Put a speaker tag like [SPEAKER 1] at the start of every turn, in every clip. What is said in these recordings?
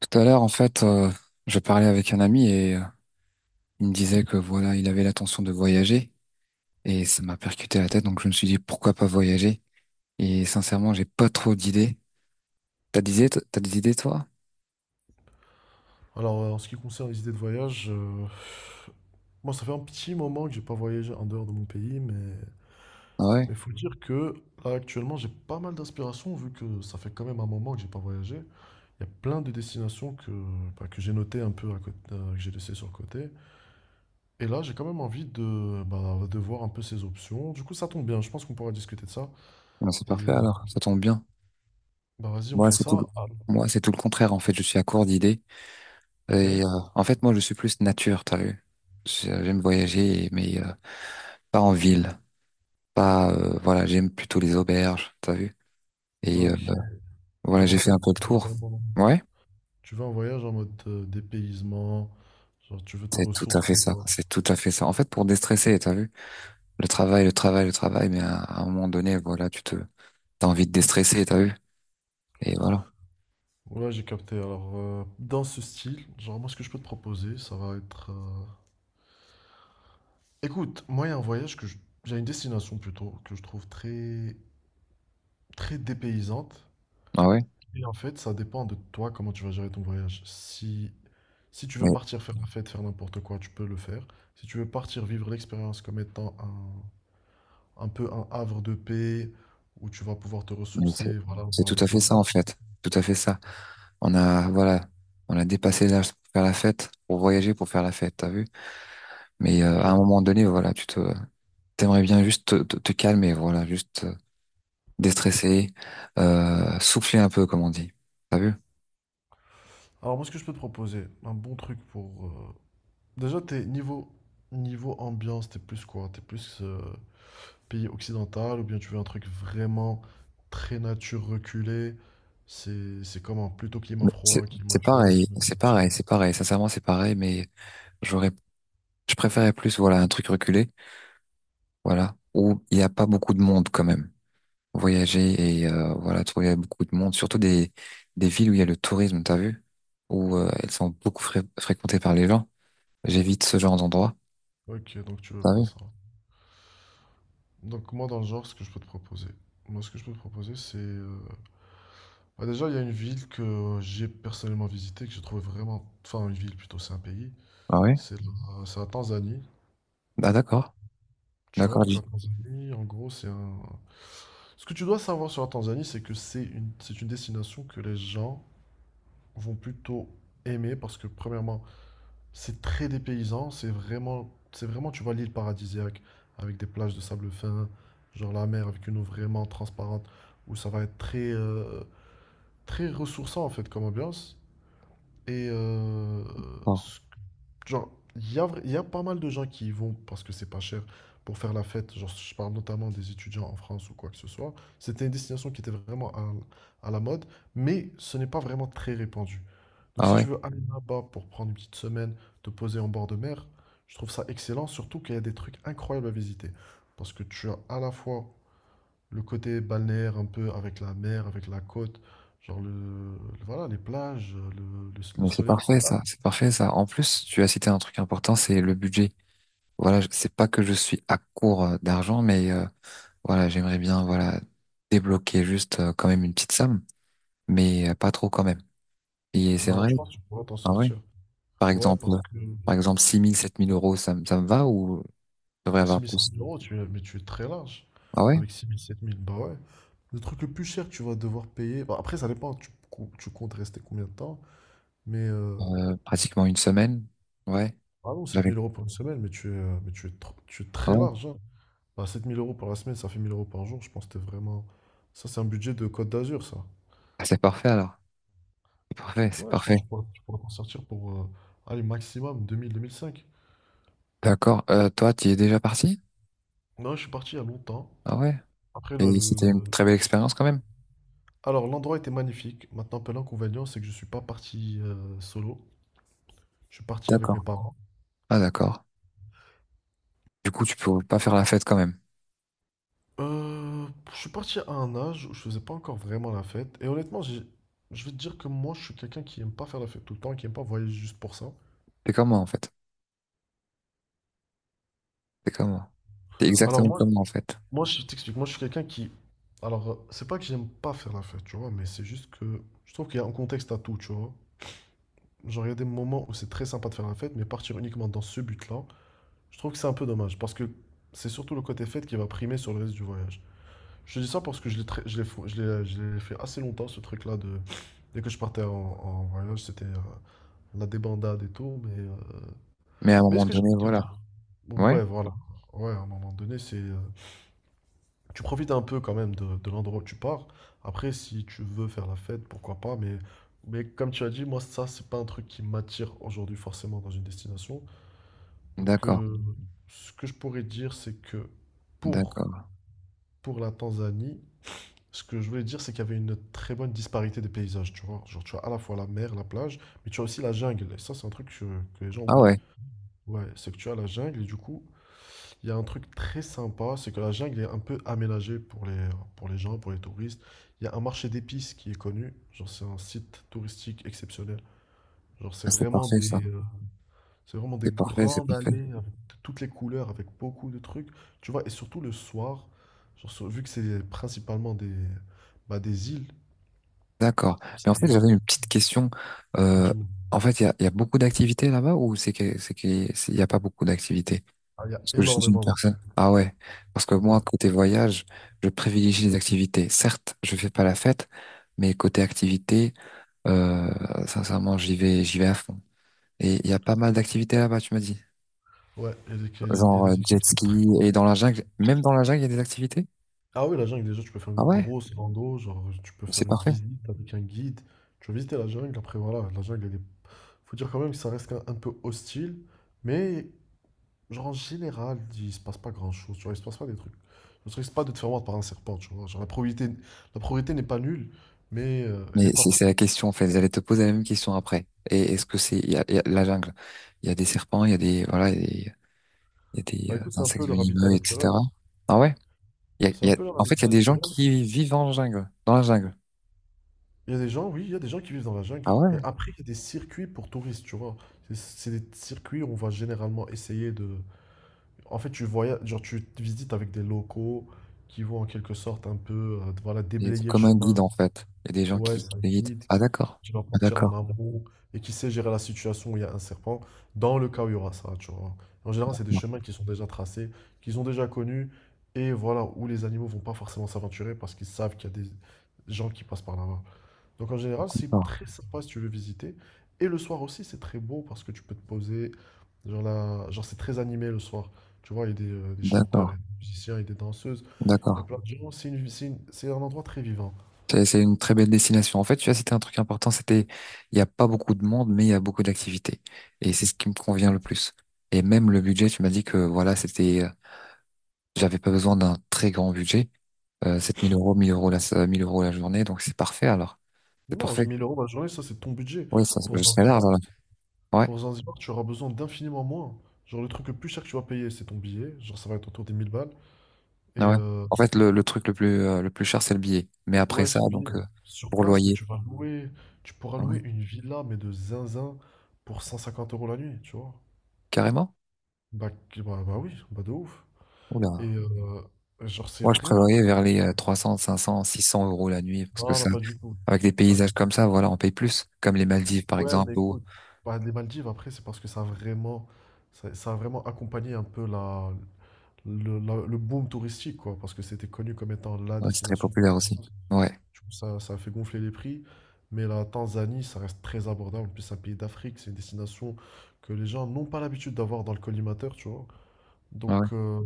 [SPEAKER 1] Tout à l'heure, en fait, je parlais avec un ami et il me disait que voilà, il avait l'intention de voyager et ça m'a percuté la tête, donc je me suis dit pourquoi pas voyager. Et sincèrement, j'ai pas trop d'idées. T'as des idées, t'as des idées toi?
[SPEAKER 2] Alors, en ce qui concerne les idées de voyage, moi, ça fait un petit moment que j'ai pas voyagé en dehors de mon pays, mais
[SPEAKER 1] Ah ouais.
[SPEAKER 2] mais faut dire que là, actuellement, j'ai pas mal d'inspiration vu que ça fait quand même un moment que j'ai pas voyagé. Il y a plein de destinations que, bah, que j'ai notées un peu à côté, que j'ai laissées sur le côté. Et là, j'ai quand même envie de, bah, de voir un peu ces options. Du coup, ça tombe bien. Je pense qu'on pourra discuter de ça.
[SPEAKER 1] Ben, c'est
[SPEAKER 2] Et
[SPEAKER 1] parfait
[SPEAKER 2] euh,
[SPEAKER 1] alors, ça tombe bien.
[SPEAKER 2] bah, vas-y, on
[SPEAKER 1] Moi,
[SPEAKER 2] fait
[SPEAKER 1] c'est tout,
[SPEAKER 2] ça. Ah,
[SPEAKER 1] moi, c'est tout le contraire en fait. Je suis à court d'idées
[SPEAKER 2] ok.
[SPEAKER 1] et en fait, moi, je suis plus nature, t'as vu? J'aime voyager, mais pas en ville, pas voilà, j'aime plutôt les auberges, t'as vu? Et
[SPEAKER 2] Ok.
[SPEAKER 1] voilà,
[SPEAKER 2] Genre, en
[SPEAKER 1] j'ai fait
[SPEAKER 2] fait,
[SPEAKER 1] un peu le tour.
[SPEAKER 2] vraiment.
[SPEAKER 1] Ouais.
[SPEAKER 2] Tu vas en voyage en mode dépaysement, genre tu veux te
[SPEAKER 1] C'est tout à fait
[SPEAKER 2] ressourcer,
[SPEAKER 1] ça,
[SPEAKER 2] quoi.
[SPEAKER 1] c'est tout à fait ça. En fait, pour déstresser, t'as vu? Le travail, le travail, le travail, mais à un moment donné, voilà, t'as envie de déstresser, t'as vu? Et voilà.
[SPEAKER 2] Ouais, j'ai capté. Alors, dans ce style, genre moi, ce que je peux te proposer, ça va être... Écoute, moi, il y a un voyage que je... J'ai une destination plutôt que je trouve très, très dépaysante.
[SPEAKER 1] Ah ouais?
[SPEAKER 2] Et en fait, ça dépend de toi comment tu vas gérer ton voyage. Si tu veux
[SPEAKER 1] Mais,
[SPEAKER 2] partir faire la fête, faire n'importe quoi, tu peux le faire. Si tu veux partir vivre l'expérience comme étant un peu un havre de paix où tu vas pouvoir te
[SPEAKER 1] mais c'est,
[SPEAKER 2] ressourcer, voilà,
[SPEAKER 1] c'est
[SPEAKER 2] voir
[SPEAKER 1] tout
[SPEAKER 2] des
[SPEAKER 1] à fait ça, en
[SPEAKER 2] paysages.
[SPEAKER 1] fait. Tout à fait ça. Voilà, on a dépassé l'âge pour faire la fête, pour voyager, pour faire la fête, t'as vu? Mais à un
[SPEAKER 2] Ok.
[SPEAKER 1] moment donné, voilà, t'aimerais bien juste te calmer, voilà, juste déstresser, souffler un peu, comme on dit. T'as vu?
[SPEAKER 2] Alors moi, ce que je peux te proposer, un bon truc pour... Déjà, t'es niveau, ambiance, t'es plus quoi? T'es plus pays occidental ou bien tu veux un truc vraiment très nature reculée? C'est comment? Plutôt climat
[SPEAKER 1] Mais C'est
[SPEAKER 2] froid, climat
[SPEAKER 1] c'est
[SPEAKER 2] chaud,
[SPEAKER 1] pareil,
[SPEAKER 2] climat
[SPEAKER 1] c'est
[SPEAKER 2] climatique.
[SPEAKER 1] pareil, c'est pareil. Sincèrement, c'est pareil, mais j'aurais Je préférais plus, voilà, un truc reculé, voilà, où il n'y a pas beaucoup de monde quand même. Voyager et voilà, trouver beaucoup de monde, surtout des villes où il y a le tourisme, t'as vu, où elles sont beaucoup fréquentées par les gens. J'évite ce genre d'endroit.
[SPEAKER 2] Ok, donc tu veux
[SPEAKER 1] T'as
[SPEAKER 2] pas
[SPEAKER 1] vu?
[SPEAKER 2] ça. Donc moi, dans le genre, ce que je peux te proposer. Moi, ce que je peux te proposer, c'est... bah, déjà, il y a une ville que j'ai personnellement visitée, que j'ai trouvé vraiment... Enfin, une ville plutôt, c'est un pays.
[SPEAKER 1] Ah oui.
[SPEAKER 2] C'est la Tanzanie.
[SPEAKER 1] Ah d'accord,
[SPEAKER 2] Tu vois,
[SPEAKER 1] d'accord,
[SPEAKER 2] donc la Tanzanie, en gros, c'est un... Ce que tu dois savoir sur la Tanzanie, c'est que c'est une destination que les gens vont plutôt aimer parce que, premièrement, c'est très dépaysant, c'est vraiment, tu vois, l'île paradisiaque avec des plages de sable fin, genre la mer avec une eau vraiment transparente où ça va être très, très ressourçant en fait comme ambiance. Et
[SPEAKER 1] bon.
[SPEAKER 2] ce Genre, il y a, il y a pas mal de gens qui y vont parce que c'est pas cher pour faire la fête. Genre, je parle notamment des étudiants en France ou quoi que ce soit. C'était une destination qui était vraiment à la mode, mais ce n'est pas vraiment très répandu. Donc,
[SPEAKER 1] Ah
[SPEAKER 2] si
[SPEAKER 1] ouais,
[SPEAKER 2] tu veux aller là-bas pour prendre une petite semaine, te poser en bord de mer, je trouve ça excellent, surtout qu'il y a des trucs incroyables à visiter. Parce que tu as à la fois le côté balnéaire un peu avec la mer, avec la côte, genre le, voilà, les plages, le, le
[SPEAKER 1] mais c'est
[SPEAKER 2] soleil qui
[SPEAKER 1] parfait ça,
[SPEAKER 2] tape.
[SPEAKER 1] c'est parfait ça. En plus, tu as cité un truc important, c'est le budget. Voilà, c'est pas que je suis à court d'argent, mais voilà, j'aimerais bien, voilà, débloquer juste quand même une petite somme, mais pas trop quand même. Et c'est
[SPEAKER 2] Non, alors
[SPEAKER 1] vrai,
[SPEAKER 2] je pense que tu pourras t'en
[SPEAKER 1] ah ouais.
[SPEAKER 2] sortir.
[SPEAKER 1] Par
[SPEAKER 2] Ouais,
[SPEAKER 1] exemple,
[SPEAKER 2] parce que
[SPEAKER 1] par exemple, 6 000 7 000 euros, ça me va ou je devrais avoir
[SPEAKER 2] six mille sept
[SPEAKER 1] plus?
[SPEAKER 2] mille euros, tu es, mais tu es très large.
[SPEAKER 1] Ah ouais?
[SPEAKER 2] Avec 6 000 7 000 bah ouais. Le truc le plus cher que tu vas devoir payer. Bah, après, ça dépend, tu comptes rester combien de temps. Mais
[SPEAKER 1] Pratiquement une semaine? Ouais.
[SPEAKER 2] ah non, sept
[SPEAKER 1] J'avais,
[SPEAKER 2] mille euros pour une semaine, mais tu es, tu es
[SPEAKER 1] ah
[SPEAKER 2] très
[SPEAKER 1] ouais.
[SPEAKER 2] large, hein. Bah, 7 000 euros pour la semaine, ça fait 1000 euros par jour. Je pense que t'es vraiment. Ça, c'est un budget de Côte d'Azur, ça.
[SPEAKER 1] Ah, c'est parfait alors. C'est parfait, c'est
[SPEAKER 2] Ouais, je pense
[SPEAKER 1] parfait.
[SPEAKER 2] que tu pourras t'en sortir pour, allez, maximum 2000 2500.
[SPEAKER 1] D'accord. Toi, tu es déjà parti?
[SPEAKER 2] Non, je suis parti il y a longtemps.
[SPEAKER 1] Ah ouais.
[SPEAKER 2] Après,
[SPEAKER 1] Et c'était une très belle expérience quand même?
[SPEAKER 2] Alors, l'endroit était magnifique. Maintenant, peu l'inconvénient, c'est que je suis pas parti solo. Je suis parti avec
[SPEAKER 1] D'accord.
[SPEAKER 2] mes parents.
[SPEAKER 1] Ah d'accord. Du coup, tu peux pas faire la fête quand même.
[SPEAKER 2] Je suis parti à un âge où je faisais pas encore vraiment la fête. Et honnêtement, je vais te dire que moi, je suis quelqu'un qui aime pas faire la fête tout le temps, qui aime pas voyager juste pour ça.
[SPEAKER 1] T'es comme moi en fait. T'es comme moi. T'es
[SPEAKER 2] Alors
[SPEAKER 1] exactement
[SPEAKER 2] moi,
[SPEAKER 1] comme moi en fait.
[SPEAKER 2] moi, je t'explique. Moi, je suis quelqu'un qui... Alors, c'est pas que j'aime pas faire la fête, tu vois, mais c'est juste que je trouve qu'il y a un contexte à tout, tu vois. Genre, il y a des moments où c'est très sympa de faire la fête, mais partir uniquement dans ce but-là, je trouve que c'est un peu dommage, parce que c'est surtout le côté fête qui va primer sur le reste du voyage. Je te dis ça parce que je l'ai très- je l'ai fou- je l'ai fait assez longtemps, ce truc-là de... Dès que je partais en voyage, c'était la débandade et tout, mais...
[SPEAKER 1] Mais à un
[SPEAKER 2] Mais
[SPEAKER 1] moment
[SPEAKER 2] ce que j'ai
[SPEAKER 1] donné,
[SPEAKER 2] envie de te
[SPEAKER 1] voilà.
[SPEAKER 2] dire...
[SPEAKER 1] Ouais.
[SPEAKER 2] Ouais, voilà. Ouais, à un moment donné, c'est... Tu profites un peu quand même de l'endroit où tu pars. Après, si tu veux faire la fête, pourquoi pas, mais... Mais comme tu as dit, moi, ça, c'est pas un truc qui m'attire aujourd'hui forcément dans une destination. Donc,
[SPEAKER 1] D'accord.
[SPEAKER 2] ce que je pourrais dire, c'est que pour,
[SPEAKER 1] D'accord.
[SPEAKER 2] pour la Tanzanie, ce que je voulais dire, c'est qu'il y avait une très bonne disparité des paysages, tu vois. Genre, tu as à la fois la mer, la plage, mais tu as aussi la jungle. Et ça, c'est un truc que les gens
[SPEAKER 1] Ah
[SPEAKER 2] oublient.
[SPEAKER 1] ouais.
[SPEAKER 2] Ouais, c'est que tu as la jungle et du coup, il y a un truc très sympa, c'est que la jungle est un peu aménagée pour les gens, pour les touristes. Il y a un marché d'épices qui est connu. Genre, c'est un site touristique exceptionnel. Genre, c'est
[SPEAKER 1] Ah, c'est
[SPEAKER 2] vraiment
[SPEAKER 1] parfait ça.
[SPEAKER 2] des, euh, c'est vraiment des
[SPEAKER 1] C'est parfait, c'est
[SPEAKER 2] grandes
[SPEAKER 1] parfait.
[SPEAKER 2] allées avec de toutes les couleurs, avec beaucoup de trucs. Tu vois, et surtout le soir, genre, vu que c'est principalement des îles.
[SPEAKER 1] D'accord. Mais en
[SPEAKER 2] C'est-
[SPEAKER 1] fait, j'avais une petite question. Euh,
[SPEAKER 2] j'aime-
[SPEAKER 1] En fait, il y a beaucoup d'activités là-bas ou il n'y a pas beaucoup d'activités?
[SPEAKER 2] Ah, il y a
[SPEAKER 1] Parce que je suis une
[SPEAKER 2] énormément de...
[SPEAKER 1] personne. Ah ouais. Parce que
[SPEAKER 2] Ouais,
[SPEAKER 1] moi, côté voyage, je privilégie les activités. Certes, je fais pas la fête, mais côté activité, euh, sincèrement, j'y vais à fond. Et il y a pas mal d'activités là-bas, tu m'as dit.
[SPEAKER 2] ouais, il y a des, il y a
[SPEAKER 1] Genre
[SPEAKER 2] des
[SPEAKER 1] jet
[SPEAKER 2] activités très
[SPEAKER 1] ski
[SPEAKER 2] cool.
[SPEAKER 1] et dans la jungle. Même dans la jungle, il y a des activités?
[SPEAKER 2] Ah oui, la jungle, déjà, tu peux faire
[SPEAKER 1] Ah
[SPEAKER 2] une
[SPEAKER 1] ouais?
[SPEAKER 2] grosse rando, genre, tu peux
[SPEAKER 1] C'est
[SPEAKER 2] faire une
[SPEAKER 1] parfait.
[SPEAKER 2] visite avec un guide. Tu vas visiter la jungle, après, voilà, la jungle, elle est... Faut dire quand même que ça reste un peu hostile, mais, genre, en général, il se passe pas grand-chose, tu vois, il se passe pas des trucs. Je ne risque pas de te faire mordre par un serpent, tu vois, genre, la probabilité n'est pas nulle, mais elle n'est
[SPEAKER 1] Mais c'est
[SPEAKER 2] pas...
[SPEAKER 1] c'est la question en fait. J'allais te poser la même question après. Et est-ce que c'est il y a la jungle? Il y a des serpents, il y a des, il y a des,
[SPEAKER 2] Bah écoute, c'est un peu
[SPEAKER 1] insectes
[SPEAKER 2] leur habitat
[SPEAKER 1] venimeux,
[SPEAKER 2] naturel.
[SPEAKER 1] etc. Ah ouais? Il y a,
[SPEAKER 2] C'est
[SPEAKER 1] il
[SPEAKER 2] un
[SPEAKER 1] y a-
[SPEAKER 2] peu leur
[SPEAKER 1] en fait, il
[SPEAKER 2] habitat
[SPEAKER 1] y a des gens
[SPEAKER 2] naturel.
[SPEAKER 1] qui vivent en jungle, dans la jungle.
[SPEAKER 2] Il y a des gens, oui, il y a des gens qui vivent dans la jungle.
[SPEAKER 1] Ah
[SPEAKER 2] Et
[SPEAKER 1] ouais?
[SPEAKER 2] après, il y a des circuits pour touristes, tu vois. C'est des circuits où on va généralement essayer de... En fait, tu voyages, genre, tu te visites avec des locaux qui vont en quelque sorte un peu, voilà,
[SPEAKER 1] Et c'est
[SPEAKER 2] déblayer le
[SPEAKER 1] comme un
[SPEAKER 2] chemin.
[SPEAKER 1] guide en fait. Il y a des gens
[SPEAKER 2] Ouais,
[SPEAKER 1] qui,
[SPEAKER 2] c'est
[SPEAKER 1] qui
[SPEAKER 2] un
[SPEAKER 1] te guident.
[SPEAKER 2] guide
[SPEAKER 1] Ah d'accord.
[SPEAKER 2] qui va
[SPEAKER 1] Ah
[SPEAKER 2] partir
[SPEAKER 1] d'accord.
[SPEAKER 2] en amont et qui sait gérer la situation où il y a un serpent, dans le cas où il y aura ça, tu vois. En général, c'est des chemins qui sont déjà tracés, qu'ils ont déjà connus, et voilà, où les animaux vont pas forcément s'aventurer parce qu'ils savent qu'il y a des gens qui passent par là-bas. Donc en général, c'est
[SPEAKER 1] D'accord.
[SPEAKER 2] très sympa si tu veux visiter. Et le soir aussi, c'est très beau parce que tu peux te poser. Genre, là, genre c'est très animé le soir. Tu vois, il y a des chanteurs,
[SPEAKER 1] D'accord.
[SPEAKER 2] il y a des musiciens, il y a des danseuses. Il y a
[SPEAKER 1] D'accord.
[SPEAKER 2] plein de gens. C'est un endroit très vivant.
[SPEAKER 1] C'est une très belle destination. En fait, tu as cité un truc important, c'était il n'y a pas beaucoup de monde, mais il y a beaucoup d'activités. Et c'est ce qui me convient le plus. Et même le budget, tu m'as dit que voilà, c'était J'avais pas besoin d'un très grand budget. 7 000 euros, 1 000 euros la journée, donc c'est parfait alors. C'est
[SPEAKER 2] Non, j'ai
[SPEAKER 1] parfait.
[SPEAKER 2] 1000 euros la journée, ça c'est ton budget.
[SPEAKER 1] Oui, ça,
[SPEAKER 2] Pour
[SPEAKER 1] je serais large
[SPEAKER 2] Zanzibar,
[SPEAKER 1] alors. Ouais,
[SPEAKER 2] pour Zanzibar, tu auras besoin d'infiniment moins. Genre le truc le plus cher que tu vas payer, c'est ton billet. Genre ça va être autour des 1000 balles. Et
[SPEAKER 1] ah ouais.
[SPEAKER 2] euh,
[SPEAKER 1] En fait, le truc le plus cher, c'est le billet. Mais après
[SPEAKER 2] ouais,
[SPEAKER 1] ça,
[SPEAKER 2] ce
[SPEAKER 1] donc,
[SPEAKER 2] billet, sur
[SPEAKER 1] pour
[SPEAKER 2] place, mais
[SPEAKER 1] loyer.
[SPEAKER 2] tu vas louer, tu pourras
[SPEAKER 1] Ah ouais.
[SPEAKER 2] louer une villa, mais de zinzin, pour 150 euros la nuit, tu vois.
[SPEAKER 1] Carrément?
[SPEAKER 2] Bah, bah, bah oui, bah de ouf. Et
[SPEAKER 1] Oula.
[SPEAKER 2] euh, genre, c'est
[SPEAKER 1] Moi, je
[SPEAKER 2] vraiment
[SPEAKER 1] prévoyais
[SPEAKER 2] parfait.
[SPEAKER 1] vers les 300, 500, 600 euros la nuit, parce que
[SPEAKER 2] Non, non,
[SPEAKER 1] ça,
[SPEAKER 2] pas du tout.
[SPEAKER 1] avec des
[SPEAKER 2] Pas
[SPEAKER 1] paysages
[SPEAKER 2] du tout.
[SPEAKER 1] comme ça, voilà, on paye plus. Comme les Maldives, par
[SPEAKER 2] Ouais, mais
[SPEAKER 1] exemple, où,
[SPEAKER 2] écoute, bah, les Maldives, après, c'est parce que ça a vraiment, ça a vraiment accompagné un peu la, le boom touristique, quoi. Parce que c'était connu comme étant la
[SPEAKER 1] ouais, c'est très
[SPEAKER 2] destination par
[SPEAKER 1] populaire aussi.
[SPEAKER 2] excellence.
[SPEAKER 1] Ouais,
[SPEAKER 2] Du coup, ça a fait gonfler les prix. Mais la Tanzanie, ça reste très abordable. En plus, c'est un pays d'Afrique. C'est une destination que les gens n'ont pas l'habitude d'avoir dans le collimateur, tu vois.
[SPEAKER 1] ouais, ouais.
[SPEAKER 2] Donc,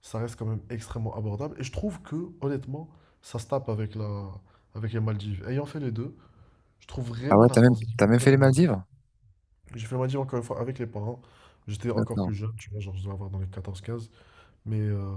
[SPEAKER 2] ça reste quand même extrêmement abordable. Et je trouve que, honnêtement, ça se tape avec les Maldives. Ayant fait les deux, je trouve
[SPEAKER 1] Ah
[SPEAKER 2] vraiment
[SPEAKER 1] ouais,
[SPEAKER 2] la
[SPEAKER 1] t'as même,
[SPEAKER 2] Tanzanie,
[SPEAKER 1] t'as même fait les
[SPEAKER 2] personnellement.
[SPEAKER 1] Maldives?
[SPEAKER 2] J'ai fait les Maldives encore une fois avec les parents. J'étais encore
[SPEAKER 1] D'accord.
[SPEAKER 2] plus jeune, tu vois, genre je devais avoir dans les 14 15. Mais, euh,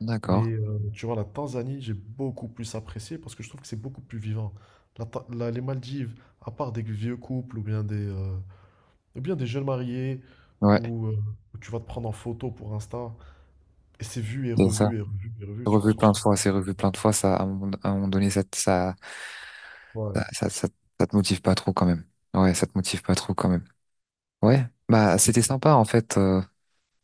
[SPEAKER 1] D'accord.
[SPEAKER 2] mais, tu vois, la Tanzanie, j'ai beaucoup plus apprécié parce que je trouve que c'est beaucoup plus vivant. Les Maldives, à part des vieux couples ou bien ou bien des jeunes mariés
[SPEAKER 1] Ouais.
[SPEAKER 2] où, euh, où tu vas te prendre en photo pour Insta, et c'est vu et
[SPEAKER 1] Et ça
[SPEAKER 2] revu et revu et revu, tu vois,
[SPEAKER 1] revu
[SPEAKER 2] genre, je
[SPEAKER 1] plein de
[SPEAKER 2] trouve
[SPEAKER 1] fois,
[SPEAKER 2] ça.
[SPEAKER 1] c'est revu plein de fois, ça, à un moment donné, ça, te- ça, ça,
[SPEAKER 2] Ouais.
[SPEAKER 1] ça, ça- ça te motive pas trop quand même. Ouais, ça te motive pas trop quand même. Ouais, bah c'était sympa en fait,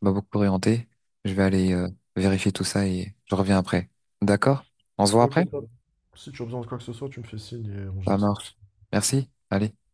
[SPEAKER 1] m'a beaucoup orienté. Je vais aller vérifier tout ça et je reviens après. D'accord? On se voit
[SPEAKER 2] Ok,
[SPEAKER 1] après?
[SPEAKER 2] top. Si tu as besoin de quoi que ce soit, tu me fais signe et on
[SPEAKER 1] Ça
[SPEAKER 2] gère ça.
[SPEAKER 1] marche. Merci. Allez.